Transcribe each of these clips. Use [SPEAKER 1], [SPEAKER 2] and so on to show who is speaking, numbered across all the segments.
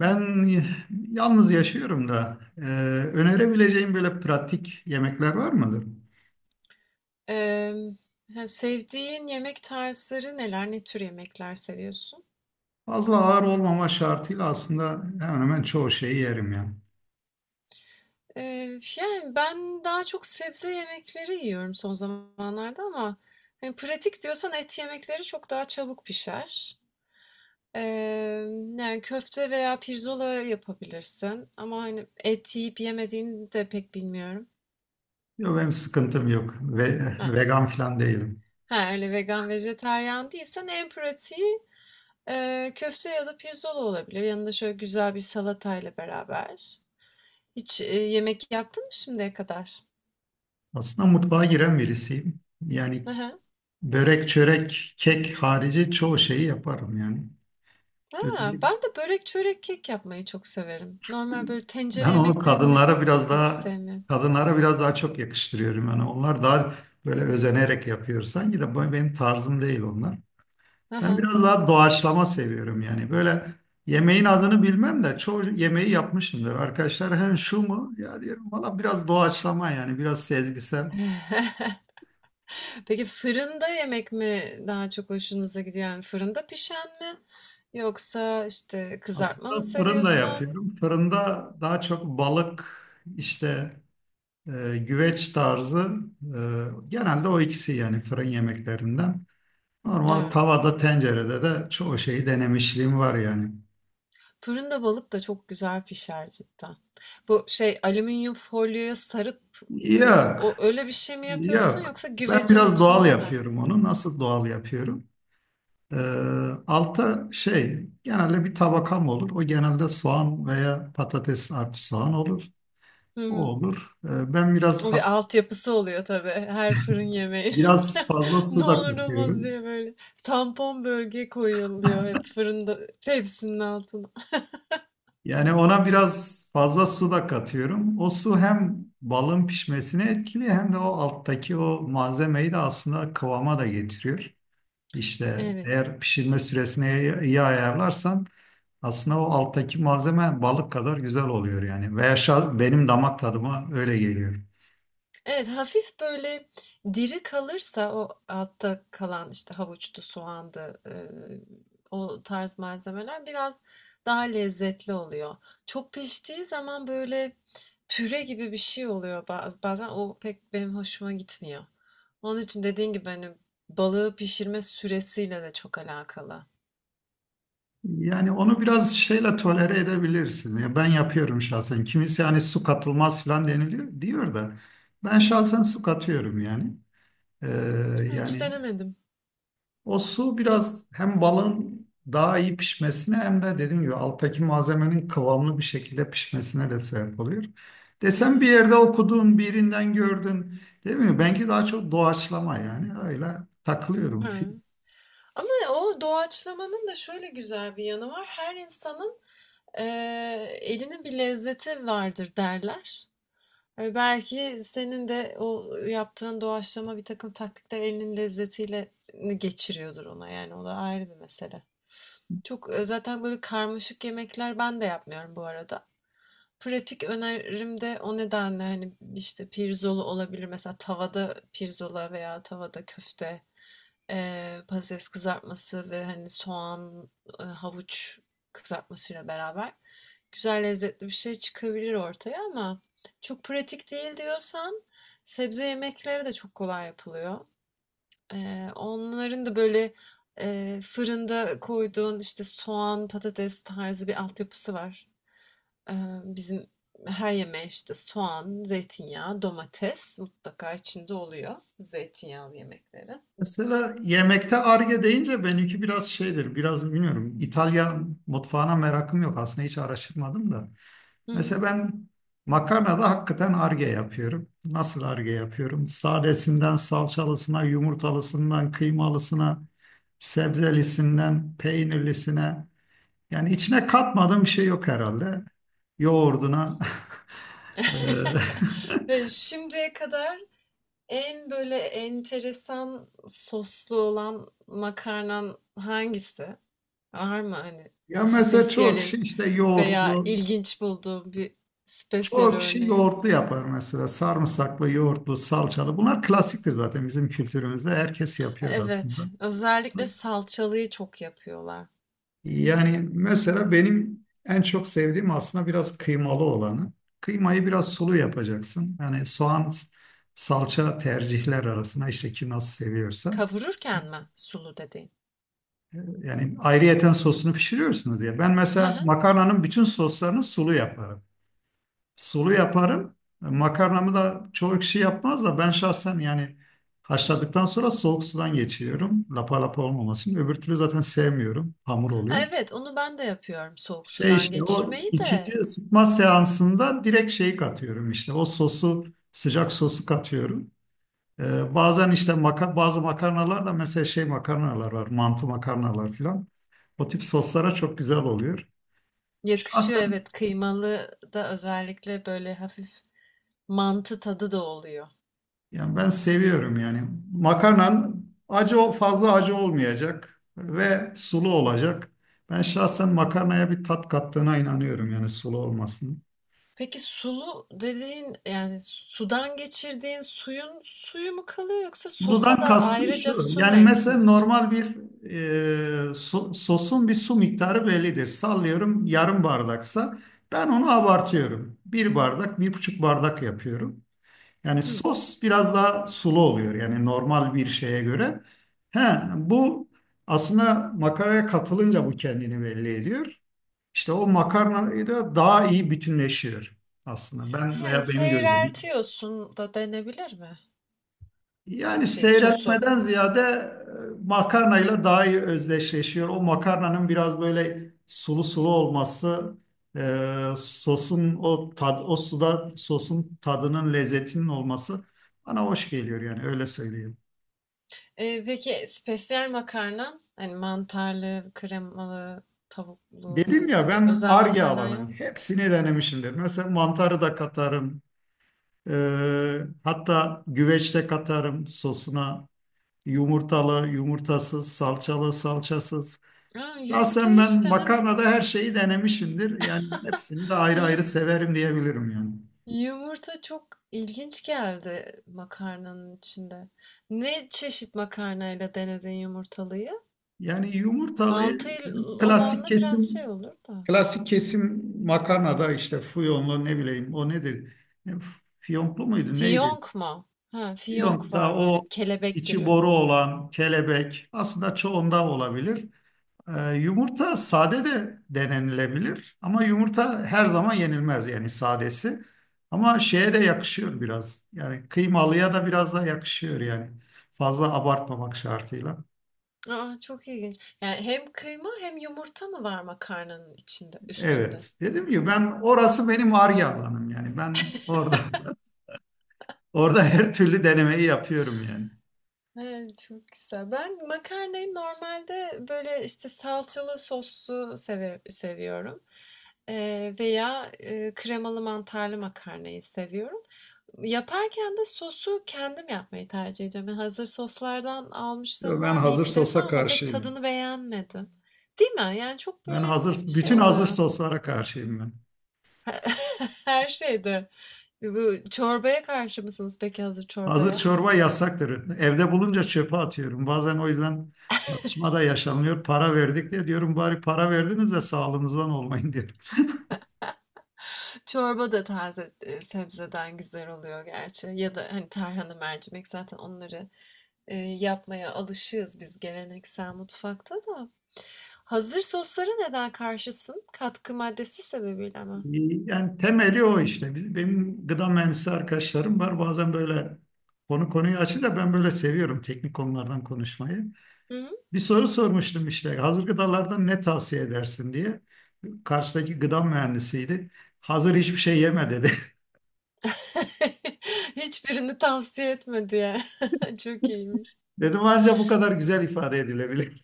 [SPEAKER 1] Ben yalnız yaşıyorum da önerebileceğim böyle pratik yemekler var mıdır?
[SPEAKER 2] Emm, he, Sevdiğin yemek tarzları neler? Ne tür yemekler seviyorsun?
[SPEAKER 1] Fazla ağır olmama şartıyla aslında hemen hemen çoğu şeyi yerim yani.
[SPEAKER 2] Ben daha çok sebze yemekleri yiyorum son zamanlarda ama, pratik diyorsan et yemekleri çok daha çabuk pişer. Köfte veya pirzola yapabilirsin ama, et yiyip yemediğini de pek bilmiyorum.
[SPEAKER 1] Yok benim sıkıntım yok ve
[SPEAKER 2] Ha,
[SPEAKER 1] vegan falan değilim.
[SPEAKER 2] ha, Öyle vegan, vejetaryen değilsen en pratiği, köfte ya da pirzola olabilir. Yanında şöyle güzel bir salatayla beraber. Hiç, yemek yaptın mı şimdiye kadar?
[SPEAKER 1] Aslında mutfağa giren birisiyim. Yani
[SPEAKER 2] Hı hı.
[SPEAKER 1] börek, çörek, kek harici çoğu şeyi yaparım yani.
[SPEAKER 2] A!
[SPEAKER 1] Özellikle
[SPEAKER 2] Ben de börek, çörek, kek yapmayı çok severim. Normal böyle tencere
[SPEAKER 1] ben onu
[SPEAKER 2] yemeklerini pek sevmiyorum.
[SPEAKER 1] kadınlara biraz daha çok yakıştırıyorum yani. Onlar daha böyle özenerek yapıyor. Sanki de bu benim tarzım değil onlar.
[SPEAKER 2] Hı
[SPEAKER 1] Ben
[SPEAKER 2] hı.
[SPEAKER 1] biraz daha doğaçlama seviyorum yani. Böyle yemeğin adını bilmem de çoğu yemeği yapmışımdır. Arkadaşlar hem şu mu? Ya diyorum valla biraz doğaçlama yani biraz sezgisel.
[SPEAKER 2] Peki fırında yemek mi daha çok hoşunuza gidiyor? Yani fırında pişen mi yoksa, işte, kızartma mı
[SPEAKER 1] Aslında fırında
[SPEAKER 2] seviyorsun?
[SPEAKER 1] yapıyorum. Fırında daha çok balık işte güveç tarzı, genelde o ikisi yani fırın yemeklerinden. Normal
[SPEAKER 2] Ha.
[SPEAKER 1] tavada tencerede de çoğu şeyi denemişliğim var yani.
[SPEAKER 2] Fırında balık da çok güzel pişer cidden. Bu şey, alüminyum folyoya sarıp,
[SPEAKER 1] Yok,
[SPEAKER 2] o öyle bir şey mi yapıyorsun
[SPEAKER 1] yok.
[SPEAKER 2] yoksa
[SPEAKER 1] Ben
[SPEAKER 2] güvecin
[SPEAKER 1] biraz doğal
[SPEAKER 2] içinde mi?
[SPEAKER 1] yapıyorum onu. Nasıl doğal yapıyorum? Ee, Alta şey genelde bir tabakam olur. O genelde soğan veya patates artı soğan olur. O olur. Ben biraz
[SPEAKER 2] O bir altyapısı oluyor tabii her fırın yemeğinin.
[SPEAKER 1] biraz fazla
[SPEAKER 2] Ne
[SPEAKER 1] su da
[SPEAKER 2] olur ne olmaz
[SPEAKER 1] katıyorum.
[SPEAKER 2] diye böyle tampon bölge koyuluyor hep fırında tepsinin altına.
[SPEAKER 1] Yani ona biraz fazla su da katıyorum. O su hem balın pişmesine etkili hem de o alttaki o malzemeyi de aslında kıvama da getiriyor. İşte
[SPEAKER 2] Evet.
[SPEAKER 1] eğer pişirme süresini iyi ayarlarsan aslında o alttaki malzeme balık kadar güzel oluyor yani. Veya benim damak tadıma öyle geliyor.
[SPEAKER 2] Evet, hafif böyle diri kalırsa o altta kalan, işte, havuçtu, soğandı, o tarz malzemeler biraz daha lezzetli oluyor. Çok piştiği zaman böyle püre gibi bir şey oluyor bazen. O pek benim hoşuma gitmiyor. Onun için dediğin gibi, balığı pişirme süresiyle de çok alakalı.
[SPEAKER 1] Yani onu biraz şeyle tolere edebilirsin. Ya ben yapıyorum şahsen. Kimisi hani su katılmaz falan deniliyor diyor da ben
[SPEAKER 2] Hımm.
[SPEAKER 1] şahsen su katıyorum yani. Ee,
[SPEAKER 2] Hiç
[SPEAKER 1] Yani
[SPEAKER 2] denemedim.
[SPEAKER 1] o su
[SPEAKER 2] Mi
[SPEAKER 1] biraz hem balın daha iyi pişmesine hem de dediğim gibi alttaki malzemenin kıvamlı bir şekilde pişmesine de sebep oluyor.
[SPEAKER 2] Hı
[SPEAKER 1] Desem bir
[SPEAKER 2] hı.
[SPEAKER 1] yerde okudun, birinden gördün, değil mi? Belki daha çok doğaçlama yani öyle takılıyorum.
[SPEAKER 2] Hıı. Ama o doğaçlamanın da şöyle güzel bir yanı var. Her insanın elinin bir lezzeti vardır derler. Ve belki senin de o yaptığın doğaçlama bir takım taktikler elinin lezzetiyle geçiriyordur ona. Yani o da ayrı bir mesele. Zaten böyle karmaşık yemekler ben de yapmıyorum bu arada. Pratik önerim de o nedenle hani işte pirzolu olabilir. Mesela tavada pirzola veya tavada köfte. Patates kızartması ve, soğan, havuç kızartmasıyla beraber güzel, lezzetli bir şey çıkabilir ortaya ama çok pratik değil diyorsan sebze yemekleri de çok kolay yapılıyor. Onların da, böyle, fırında koyduğun, işte, soğan, patates tarzı bir altyapısı var. Eee, Bizim her yemeğe, işte, soğan, zeytinyağı, domates mutlaka içinde oluyor zeytinyağlı yemeklerin.
[SPEAKER 1] Mesela yemekte arge deyince benimki biraz şeydir, biraz bilmiyorum. İtalyan mutfağına merakım yok. Aslında hiç araştırmadım da.
[SPEAKER 2] Hımm.
[SPEAKER 1] Mesela ben makarnada hakikaten arge yapıyorum. Nasıl arge yapıyorum? Sadesinden salçalısına, yumurtalısından kıymalısına, sebzelisinden peynirlisine. Yani içine katmadığım bir şey yok herhalde. Yoğurduna. Eee,
[SPEAKER 2] Şimdiye kadar en, böyle, enteresan soslu olan makarnan hangisi? Var mı,
[SPEAKER 1] Ya mesela çok şey
[SPEAKER 2] spesiyalin
[SPEAKER 1] işte
[SPEAKER 2] veya
[SPEAKER 1] yoğurtlu.
[SPEAKER 2] ilginç bulduğun bir spesiyal
[SPEAKER 1] Çoğu kişi
[SPEAKER 2] örneğin?
[SPEAKER 1] yoğurtlu yapar mesela. Sarımsaklı, yoğurtlu, salçalı. Bunlar klasiktir zaten bizim kültürümüzde. Herkes yapıyor aslında.
[SPEAKER 2] Evet, özellikle salçalıyı çok yapıyorlar.
[SPEAKER 1] Yani mesela benim en çok sevdiğim aslında biraz kıymalı olanı. Kıymayı biraz sulu yapacaksın. Yani soğan, salça tercihler arasında işte ki nasıl seviyorsa.
[SPEAKER 2] Kavururken mi sulu dediğin?
[SPEAKER 1] Yani ayrıyeten sosunu pişiriyorsunuz diye. Ben
[SPEAKER 2] Hı
[SPEAKER 1] mesela
[SPEAKER 2] hı.
[SPEAKER 1] makarnanın bütün soslarını sulu yaparım. Sulu yaparım. Makarnamı da çoğu kişi yapmaz da ben şahsen yani haşladıktan sonra soğuk sudan geçiriyorum. Lapa lapa olmaması için. Öbür türlü zaten sevmiyorum. Hamur
[SPEAKER 2] Ha,
[SPEAKER 1] oluyor.
[SPEAKER 2] evet, onu ben de yapıyorum soğuk
[SPEAKER 1] Şey
[SPEAKER 2] sudan
[SPEAKER 1] işte o
[SPEAKER 2] geçirmeyi
[SPEAKER 1] ikinci
[SPEAKER 2] de.
[SPEAKER 1] ısıtma seansında direkt şeyi katıyorum işte. O sosu sıcak sosu katıyorum. Bazen işte bazı makarnalar da mesela şey makarnalar var. Mantı makarnalar filan. O tip soslara çok güzel oluyor.
[SPEAKER 2] Yakışıyor
[SPEAKER 1] Şahsen
[SPEAKER 2] evet, kıymalı da özellikle böyle hafif mantı tadı da oluyor.
[SPEAKER 1] yani ben seviyorum yani. Makarnan fazla acı olmayacak ve sulu olacak. Ben şahsen makarnaya bir tat kattığına inanıyorum yani sulu olmasının.
[SPEAKER 2] Peki sulu dediğin yani sudan geçirdiğin suyun suyu mu kalıyor yoksa sosa
[SPEAKER 1] Suludan
[SPEAKER 2] da
[SPEAKER 1] kastım
[SPEAKER 2] ayrıca
[SPEAKER 1] şu.
[SPEAKER 2] su mu
[SPEAKER 1] Yani mesela
[SPEAKER 2] ekliyorsun?
[SPEAKER 1] normal bir sosun bir su miktarı bellidir. Sallıyorum yarım bardaksa ben onu abartıyorum. Bir bardak, bir buçuk bardak yapıyorum. Yani
[SPEAKER 2] Hı.
[SPEAKER 1] sos biraz daha sulu oluyor yani normal bir şeye göre. He, bu aslında makaraya katılınca bu kendini belli ediyor. İşte o makarnayla daha iyi bütünleşiyor aslında ben
[SPEAKER 2] He,
[SPEAKER 1] veya benim gözlemim.
[SPEAKER 2] seyreltiyorsun da denebilir mi? Su,
[SPEAKER 1] Yani
[SPEAKER 2] şey sosu.
[SPEAKER 1] seyreltmeden ziyade makarnayla daha iyi özdeşleşiyor. O makarnanın biraz böyle sulu sulu olması, sosun o suda sosun tadının lezzetinin olması bana hoş geliyor yani öyle söyleyeyim.
[SPEAKER 2] Peki spesiyel makarnan hani mantarlı, kremalı, tavuklu
[SPEAKER 1] Dedim
[SPEAKER 2] hani
[SPEAKER 1] ya
[SPEAKER 2] böyle bir
[SPEAKER 1] ben
[SPEAKER 2] özel
[SPEAKER 1] Ar-Ge
[SPEAKER 2] makarna ya.
[SPEAKER 1] alanım. Hepsini denemişimdir. Mesela mantarı da katarım. Hatta güveç de katarım sosuna. Yumurtalı, yumurtasız, salçalı, salçasız.
[SPEAKER 2] Aa,
[SPEAKER 1] Şahsen
[SPEAKER 2] yumurtayı hiç
[SPEAKER 1] ben makarnada
[SPEAKER 2] denemedim.
[SPEAKER 1] her şeyi denemişimdir. Yani hepsini de ayrı ayrı severim diyebilirim yani.
[SPEAKER 2] Yumurta çok ilginç geldi makarnanın içinde. Ne çeşit makarnayla denedin yumurtalıyı?
[SPEAKER 1] Yani
[SPEAKER 2] Mantı
[SPEAKER 1] yumurtalıyı bizim
[SPEAKER 2] olanla biraz şey olur da.
[SPEAKER 1] klasik kesim makarnada işte fiyonlu ne bileyim o nedir? E, Fiyonklu muydu neydi?
[SPEAKER 2] Fiyonk mu? Ha, fiyonk
[SPEAKER 1] Yont'ta
[SPEAKER 2] var böyle
[SPEAKER 1] o
[SPEAKER 2] kelebek
[SPEAKER 1] içi
[SPEAKER 2] gibi.
[SPEAKER 1] boru olan kelebek aslında çoğunda olabilir. Yumurta sade de denenilebilir ama yumurta her zaman yenilmez yani sadesi. Ama şeye de yakışıyor biraz. Yani kıymalıya da biraz da yakışıyor yani. Fazla abartmamak şartıyla.
[SPEAKER 2] Aa, çok ilginç. Yani hem kıyma hem yumurta mı var makarnanın içinde, üstünde?
[SPEAKER 1] Evet. Dedim ki ben orası benim ar alanım yani. Ben orada orada her türlü denemeyi yapıyorum yani.
[SPEAKER 2] Evet, çok güzel. Ben makarnayı normalde böyle işte salçalı soslu seviyorum. Veya kremalı mantarlı makarnayı seviyorum. Yaparken de sosu kendim yapmayı tercih ediyorum. Yani hazır soslardan
[SPEAKER 1] Yo,
[SPEAKER 2] almışlığım
[SPEAKER 1] ben
[SPEAKER 2] var bir
[SPEAKER 1] hazır
[SPEAKER 2] iki defa
[SPEAKER 1] sosa
[SPEAKER 2] ama pek
[SPEAKER 1] karşıyım.
[SPEAKER 2] tadını beğenmedim. Değil mi? Yani çok
[SPEAKER 1] Ben
[SPEAKER 2] böyle
[SPEAKER 1] hazır,
[SPEAKER 2] şey
[SPEAKER 1] bütün hazır
[SPEAKER 2] oluyor.
[SPEAKER 1] soslara karşıyım ben.
[SPEAKER 2] Her şeyde. Bu çorbaya karşı mısınız peki hazır
[SPEAKER 1] Hazır
[SPEAKER 2] çorbaya?
[SPEAKER 1] çorba yasaktır. Evde bulunca çöpe atıyorum. Bazen o yüzden tartışma da yaşanıyor. Para verdik diye diyorum bari para verdiniz de sağlığınızdan olmayın diyorum.
[SPEAKER 2] Çorba da taze sebzeden güzel oluyor gerçi. Ya da hani tarhana, mercimek zaten onları yapmaya alışığız biz geleneksel mutfakta da. Hazır soslara neden karşısın? Katkı maddesi sebebiyle mi?
[SPEAKER 1] Yani temeli o işte. Benim gıda mühendisi arkadaşlarım var. Bazen böyle konu konuyu açınca ben böyle seviyorum teknik konulardan konuşmayı.
[SPEAKER 2] Hı?
[SPEAKER 1] Bir soru sormuştum işte. Hazır gıdalardan ne tavsiye edersin diye. Karşıdaki gıda mühendisiydi. Hazır hiçbir şey yeme dedi.
[SPEAKER 2] Hiçbirini tavsiye etmedi ya. Çok iyiymiş.
[SPEAKER 1] Dedim ancak bu kadar güzel ifade edilebilir.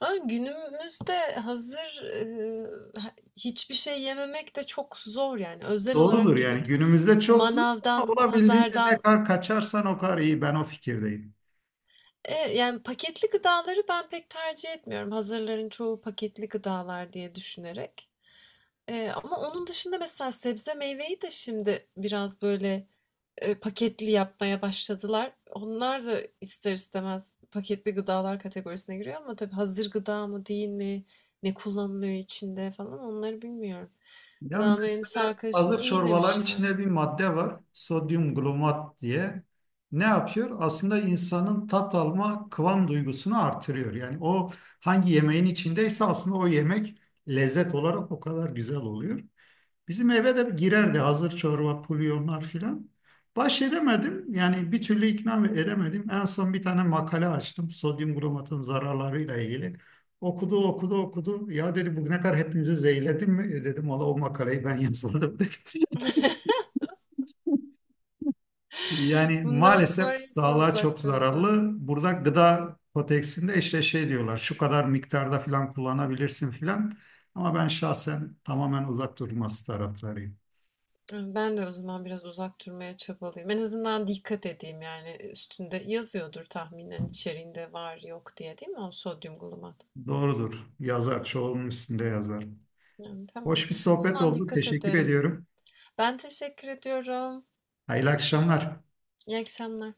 [SPEAKER 2] Ama günümüzde hiçbir şey yememek de çok zor yani. Özel
[SPEAKER 1] Doğrudur
[SPEAKER 2] olarak
[SPEAKER 1] yani
[SPEAKER 2] gidip
[SPEAKER 1] günümüzde çoksun ama
[SPEAKER 2] manavdan,
[SPEAKER 1] olabildiğince ne
[SPEAKER 2] pazardan.
[SPEAKER 1] kadar kaçarsan o kadar iyi. Ben o fikirdeyim.
[SPEAKER 2] Yani paketli gıdaları ben pek tercih etmiyorum. Hazırların çoğu paketli gıdalar diye düşünerek. Ama onun dışında mesela sebze meyveyi de şimdi biraz böyle paketli yapmaya başladılar. Onlar da ister istemez paketli gıdalar kategorisine giriyor ama tabii hazır gıda mı değil mi, ne kullanılıyor içinde falan onları bilmiyorum.
[SPEAKER 1] Ya
[SPEAKER 2] Gıda mühendisi
[SPEAKER 1] mesela
[SPEAKER 2] arkadaşın
[SPEAKER 1] hazır
[SPEAKER 2] iyi demiş
[SPEAKER 1] çorbaların
[SPEAKER 2] yani.
[SPEAKER 1] içinde bir madde var. Sodyum glomat diye. Ne yapıyor? Aslında insanın tat alma kıvam duygusunu artırıyor. Yani o hangi yemeğin içindeyse aslında o yemek lezzet olarak o kadar güzel oluyor. Bizim eve de girerdi hazır çorba, pulyonlar filan. Baş edemedim. Yani bir türlü ikna edemedim. En son bir tane makale açtım. Sodyum glomatın zararlarıyla ilgili. Okudu, okudu, okudu. Ya dedi bugüne kadar hepinizi zehirledim mi? E dedim valla o makaleyi ben yazmadım dedi. Yani
[SPEAKER 2] Bundan
[SPEAKER 1] maalesef
[SPEAKER 2] sonra hiç
[SPEAKER 1] sağlığa çok
[SPEAKER 2] uzak duracağım.
[SPEAKER 1] zararlı. Burada gıda kodeksinde işte şey diyorlar. Şu kadar miktarda filan kullanabilirsin filan. Ama ben şahsen tamamen uzak durması taraftarıyım.
[SPEAKER 2] Ben de o zaman biraz uzak durmaya çabalayayım. En azından dikkat edeyim, yani, üstünde yazıyordur tahminen içeriğinde var yok diye, değil mi o sodyum glutamat?
[SPEAKER 1] Doğrudur. Yazar. Çoğunun üstünde yazar.
[SPEAKER 2] Yani, tamam.
[SPEAKER 1] Hoş bir
[SPEAKER 2] O
[SPEAKER 1] sohbet
[SPEAKER 2] zaman
[SPEAKER 1] oldu.
[SPEAKER 2] dikkat
[SPEAKER 1] Teşekkür
[SPEAKER 2] ederim.
[SPEAKER 1] ediyorum.
[SPEAKER 2] Ben teşekkür ediyorum.
[SPEAKER 1] Hayırlı akşamlar.
[SPEAKER 2] İyi akşamlar.